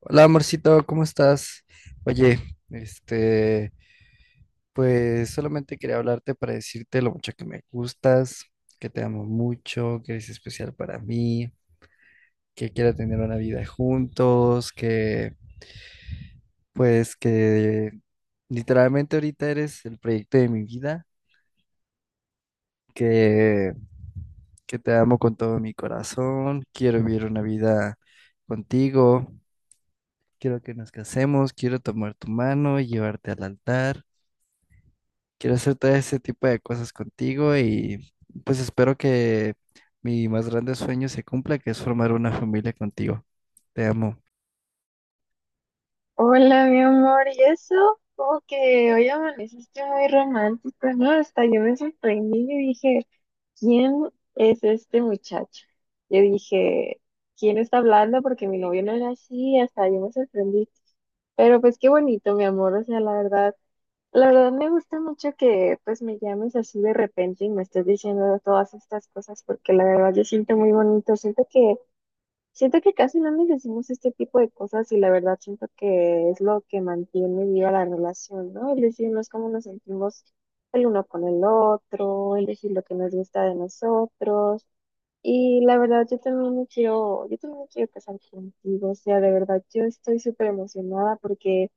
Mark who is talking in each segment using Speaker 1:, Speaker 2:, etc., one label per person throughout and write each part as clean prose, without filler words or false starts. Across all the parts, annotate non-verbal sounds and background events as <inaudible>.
Speaker 1: Hola, amorcito, ¿cómo estás? Oye, este, pues solamente quería hablarte para decirte lo mucho que me gustas, que te amo mucho, que eres especial para mí, que quiero tener una vida juntos, que literalmente ahorita eres el proyecto de mi vida, que que te amo con todo mi corazón, quiero vivir una vida contigo, quiero que nos casemos, quiero tomar tu mano y llevarte al altar. Quiero hacer todo ese tipo de cosas contigo y pues espero que mi más grande sueño se cumpla, que es formar una familia contigo. Te amo.
Speaker 2: Hola, mi amor, ¿y eso? Como que hoy amaneciste muy romántico, ¿no? Hasta yo me sorprendí y dije, ¿quién es este muchacho? Yo dije, ¿quién está hablando? Porque mi novio no era así, hasta yo me sorprendí. Pero pues qué bonito, mi amor, o sea, la verdad me gusta mucho que pues me llames así de repente y me estés diciendo todas estas cosas, porque la verdad yo siento muy bonito. Siento que casi no nos decimos este tipo de cosas y la verdad siento que es lo que mantiene viva la relación, ¿no? El decirnos cómo nos sentimos el uno con el otro, el decir lo que nos gusta de nosotros. Y la verdad yo también me quiero, yo también me quiero casar contigo, o sea, de verdad yo estoy súper emocionada porque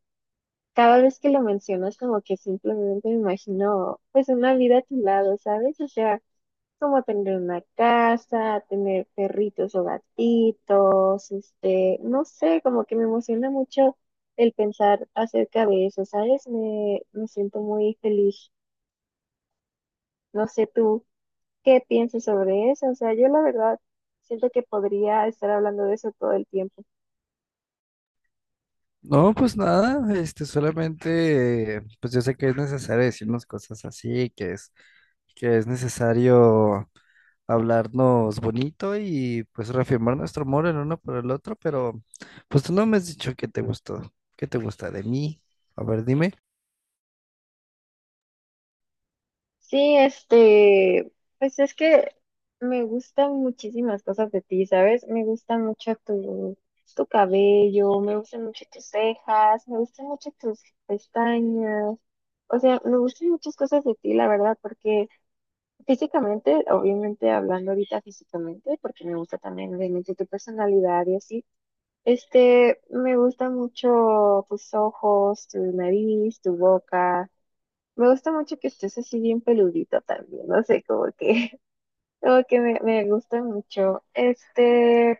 Speaker 2: cada vez que lo mencionas como que simplemente me imagino pues una vida a tu lado, ¿sabes? O sea, como tener una casa, tener perritos o gatitos, no sé, como que me emociona mucho el pensar acerca de eso, ¿sabes? Me siento muy feliz. No sé tú qué piensas sobre eso, o sea, yo la verdad siento que podría estar hablando de eso todo el tiempo.
Speaker 1: No, pues nada, este, solamente, pues yo sé que es necesario decirnos cosas así, que es necesario hablarnos bonito y pues reafirmar nuestro amor el uno por el otro, pero pues tú no me has dicho qué te gustó, qué te gusta de mí. A ver, dime.
Speaker 2: Sí, pues es que me gustan muchísimas cosas de ti, ¿sabes? Me gusta mucho tu cabello, me gustan mucho tus cejas, me gustan mucho tus pestañas, o sea, me gustan muchas cosas de ti, la verdad, porque físicamente, obviamente hablando ahorita físicamente, porque me gusta también obviamente tu personalidad y así, me gusta mucho tus ojos, tu nariz, tu boca. Me gusta mucho que estés así bien peludito también, no sé, <laughs> como que me gusta mucho.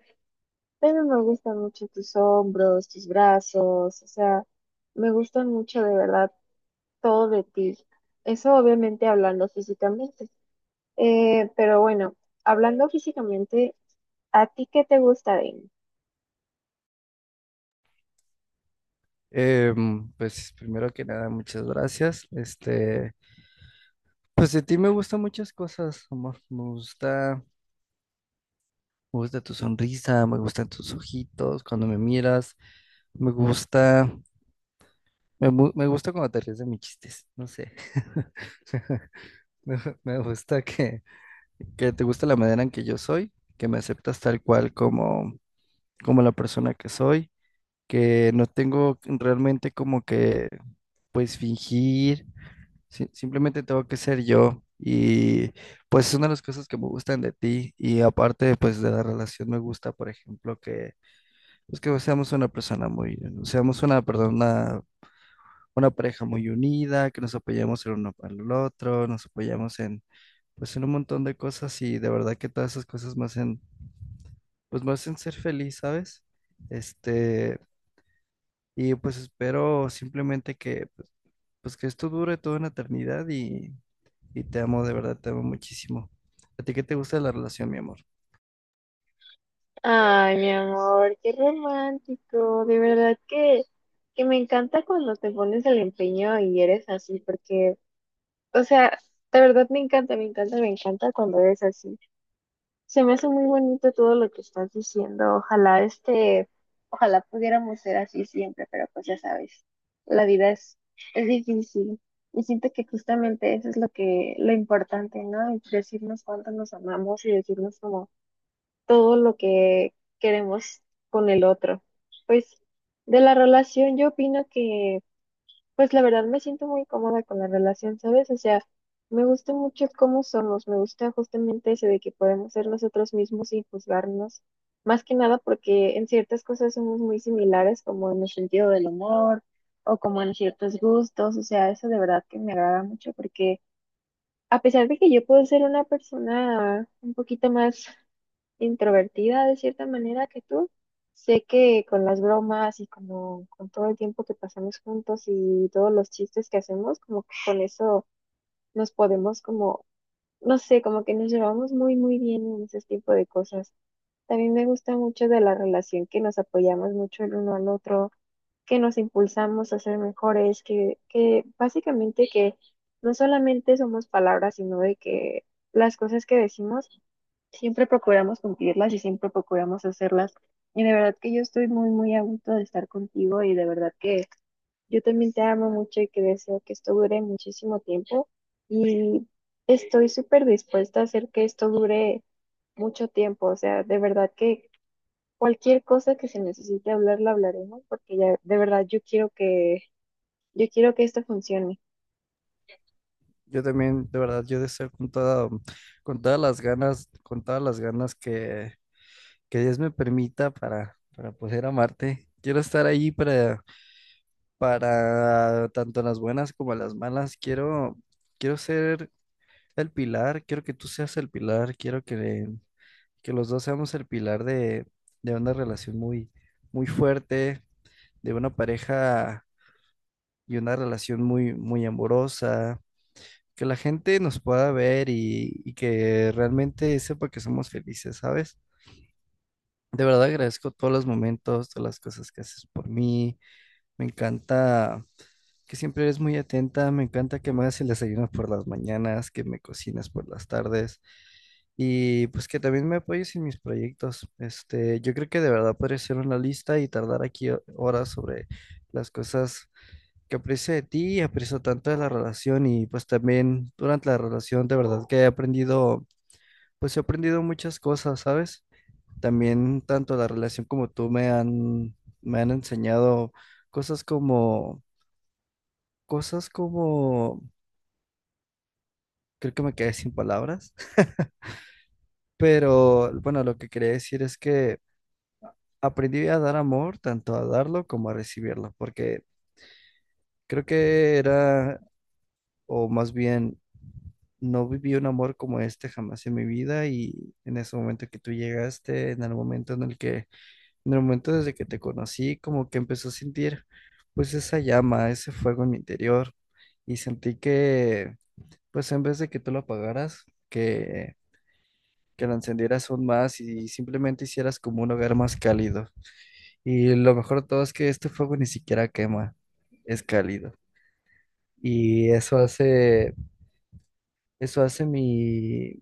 Speaker 2: También me gustan mucho tus hombros, tus brazos, o sea, me gusta mucho de verdad todo de ti. Eso obviamente hablando físicamente. Pero bueno, hablando físicamente, ¿a ti qué te gusta de mí?
Speaker 1: Pues primero que nada, muchas gracias. Este, pues de ti me gustan muchas cosas, amor. Me gusta tu sonrisa, me gustan tus ojitos cuando me miras, me gusta, me gusta cuando te ríes de mis chistes, no sé. <laughs> Me, me gusta que te gusta la manera en que yo soy, que me aceptas tal cual como, como la persona que soy, que no tengo realmente como que, pues fingir. Sí, simplemente tengo que ser yo y pues es una de las cosas que me gustan de ti, y aparte pues de la relación me gusta, por ejemplo, que pues que seamos una persona muy, seamos una persona, una pareja muy unida, que nos apoyemos el uno para el otro, nos apoyamos en pues en un montón de cosas y de verdad que todas esas cosas me hacen ser feliz, ¿sabes? Este, y pues espero simplemente que pues que esto dure toda una eternidad y te amo, de verdad, te amo muchísimo. ¿A ti qué te gusta de la relación, mi amor?
Speaker 2: Ay, mi amor, qué romántico, de verdad que me encanta cuando te pones el empeño y eres así, porque, o sea, de verdad me encanta, me encanta, me encanta cuando es así. Se me hace muy bonito todo lo que estás diciendo. Ojalá pudiéramos ser así siempre, pero pues ya sabes, la vida es difícil. Y siento que justamente eso es lo importante, ¿no? Decirnos cuánto nos amamos y decirnos como todo lo que queremos con el otro. Pues de la relación yo opino que pues la verdad me siento muy cómoda con la relación, ¿sabes? O sea, me gusta mucho cómo somos, me gusta justamente eso de que podemos ser nosotros mismos sin juzgarnos, más que nada porque en ciertas cosas somos muy similares, como en el sentido del humor o como en ciertos gustos, o sea, eso de verdad que me agrada mucho porque a pesar de que yo puedo ser una persona un poquito más introvertida de cierta manera que tú. Sé que con las bromas y como con todo el tiempo que pasamos juntos y todos los chistes que hacemos, como que con eso nos podemos como, no sé, como que nos llevamos muy, muy bien en ese tipo de cosas. También me gusta mucho de la relación que nos apoyamos mucho el uno al otro, que nos impulsamos a ser mejores, que básicamente que no solamente somos palabras, sino de que las cosas que decimos siempre procuramos cumplirlas y siempre procuramos hacerlas. Y de verdad que yo estoy muy, muy a gusto de estar contigo y de verdad que yo también te amo mucho y que deseo que esto dure muchísimo tiempo y estoy súper dispuesta a hacer que esto dure mucho tiempo. O sea, de verdad que cualquier cosa que se necesite hablar, la hablaremos porque ya de verdad yo quiero que esto funcione.
Speaker 1: Yo también, de verdad, yo deseo con toda, con todas las ganas, que Dios me permita para poder amarte. Quiero estar ahí para tanto las buenas como las malas. Quiero ser el pilar, quiero que tú seas el pilar, que los dos seamos el pilar de una relación muy, muy fuerte, de una pareja y una relación muy, muy amorosa, que la gente nos pueda ver y que realmente sepa que somos felices, ¿sabes? De verdad agradezco todos los momentos, todas las cosas que haces por mí. Me encanta que siempre eres muy atenta, me encanta que me hagas el desayuno por las mañanas, que me cocinas por las tardes y pues que también me apoyes en mis proyectos. Este, yo creo que de verdad podría ser una lista y tardar aquí horas sobre las cosas que aprecio de ti, aprecio tanto de la relación y pues también durante la relación de verdad que he aprendido, pues he aprendido muchas cosas, ¿sabes? También tanto la relación como tú me han enseñado cosas como, cosas como, creo que me quedé sin palabras, <laughs> pero bueno, lo que quería decir es que aprendí a dar amor, tanto a darlo como a recibirlo, porque creo que era, o más bien no viví un amor como este jamás en mi vida, y en ese momento que tú llegaste, en el momento desde que te conocí, como que empezó a sentir pues esa llama, ese fuego en mi interior y sentí que pues en vez de que tú lo apagaras, que, que lo encendieras aún más y simplemente hicieras como un hogar más cálido. Y lo mejor de todo es que este fuego ni siquiera quema, es cálido. Y eso hace, eso hace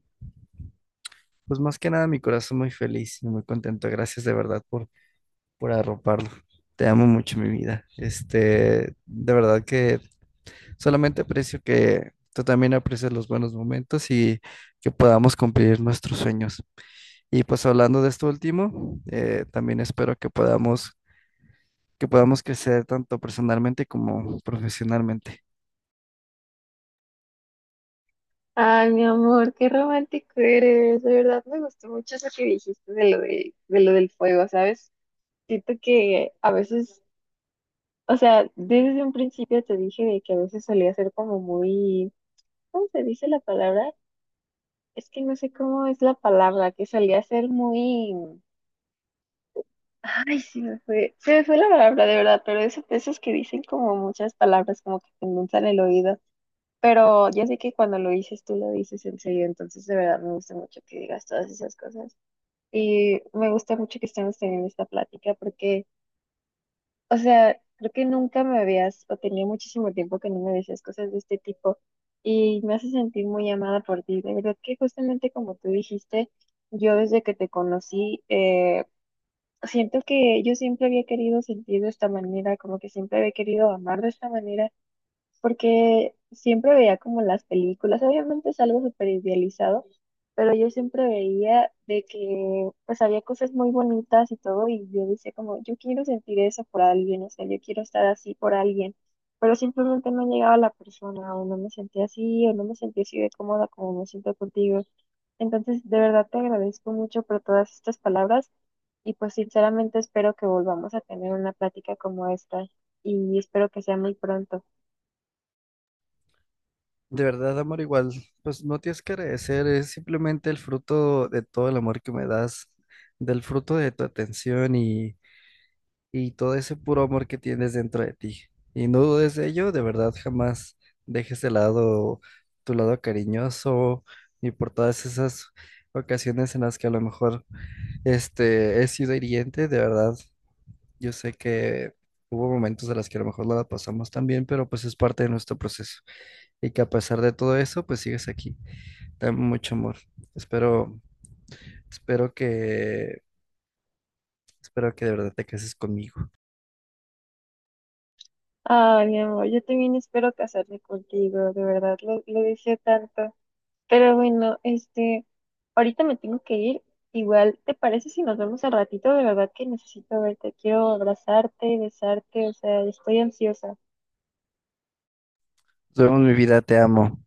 Speaker 1: pues más que nada, mi corazón muy feliz y muy contento. Gracias de verdad por arroparlo. Te amo mucho, mi vida. Este, de verdad que solamente aprecio que tú también aprecies los buenos momentos y que podamos cumplir nuestros sueños. Y pues hablando de esto último, también espero que podamos crecer tanto personalmente como profesionalmente.
Speaker 2: Ay, mi amor, qué romántico eres. De verdad me gustó mucho eso que dijiste de lo del fuego, ¿sabes? Siento que a veces, o sea, desde un principio te dije de que a veces solía ser como muy, ¿cómo se dice la palabra? Es que no sé cómo es la palabra, que solía ser muy, ay, se me fue la palabra de verdad, pero eso, esos que dicen como muchas palabras, como que te endulzan el oído, pero ya sé que cuando lo dices tú lo dices en serio, entonces de verdad me gusta mucho que digas todas esas cosas y me gusta mucho que estemos teniendo esta plática porque, o sea, creo que nunca me habías, o tenía muchísimo tiempo que no me decías cosas de este tipo y me hace sentir muy amada por ti. De verdad que justamente como tú dijiste, yo desde que te conocí, siento que yo siempre había querido sentir de esta manera, como que siempre había querido amar de esta manera porque siempre veía como las películas, obviamente es algo súper idealizado, pero yo siempre veía de que pues había cosas muy bonitas y todo, y yo decía como, yo quiero sentir eso por alguien, o sea, yo quiero estar así por alguien, pero simplemente no llegaba la persona, o no me sentía así, o no me sentía así de cómoda como me siento contigo. Entonces, de verdad te agradezco mucho por todas estas palabras. Y pues sinceramente espero que volvamos a tener una plática como esta y espero que sea muy pronto.
Speaker 1: De verdad, amor, igual, pues no tienes que agradecer, es simplemente el fruto de todo el amor que me das, del fruto de tu atención y todo ese puro amor que tienes dentro de ti. Y no dudes de ello, de verdad, jamás dejes de lado tu lado cariñoso ni por todas esas ocasiones en las que a lo mejor he sido hiriente, de verdad, yo sé que hubo momentos de las que a lo mejor no la pasamos tan bien, pero pues es parte de nuestro proceso y que a pesar de todo eso, pues sigues aquí. Dame mucho amor. Espero, espero que, espero que de verdad te cases conmigo.
Speaker 2: Ay, mi amor, yo también espero casarme contigo, de verdad, lo deseo tanto. Pero bueno, ahorita me tengo que ir. Igual, ¿te parece si nos vemos al ratito? De verdad que necesito verte, quiero abrazarte, besarte, o sea, estoy ansiosa.
Speaker 1: Duermo mi vida, te amo.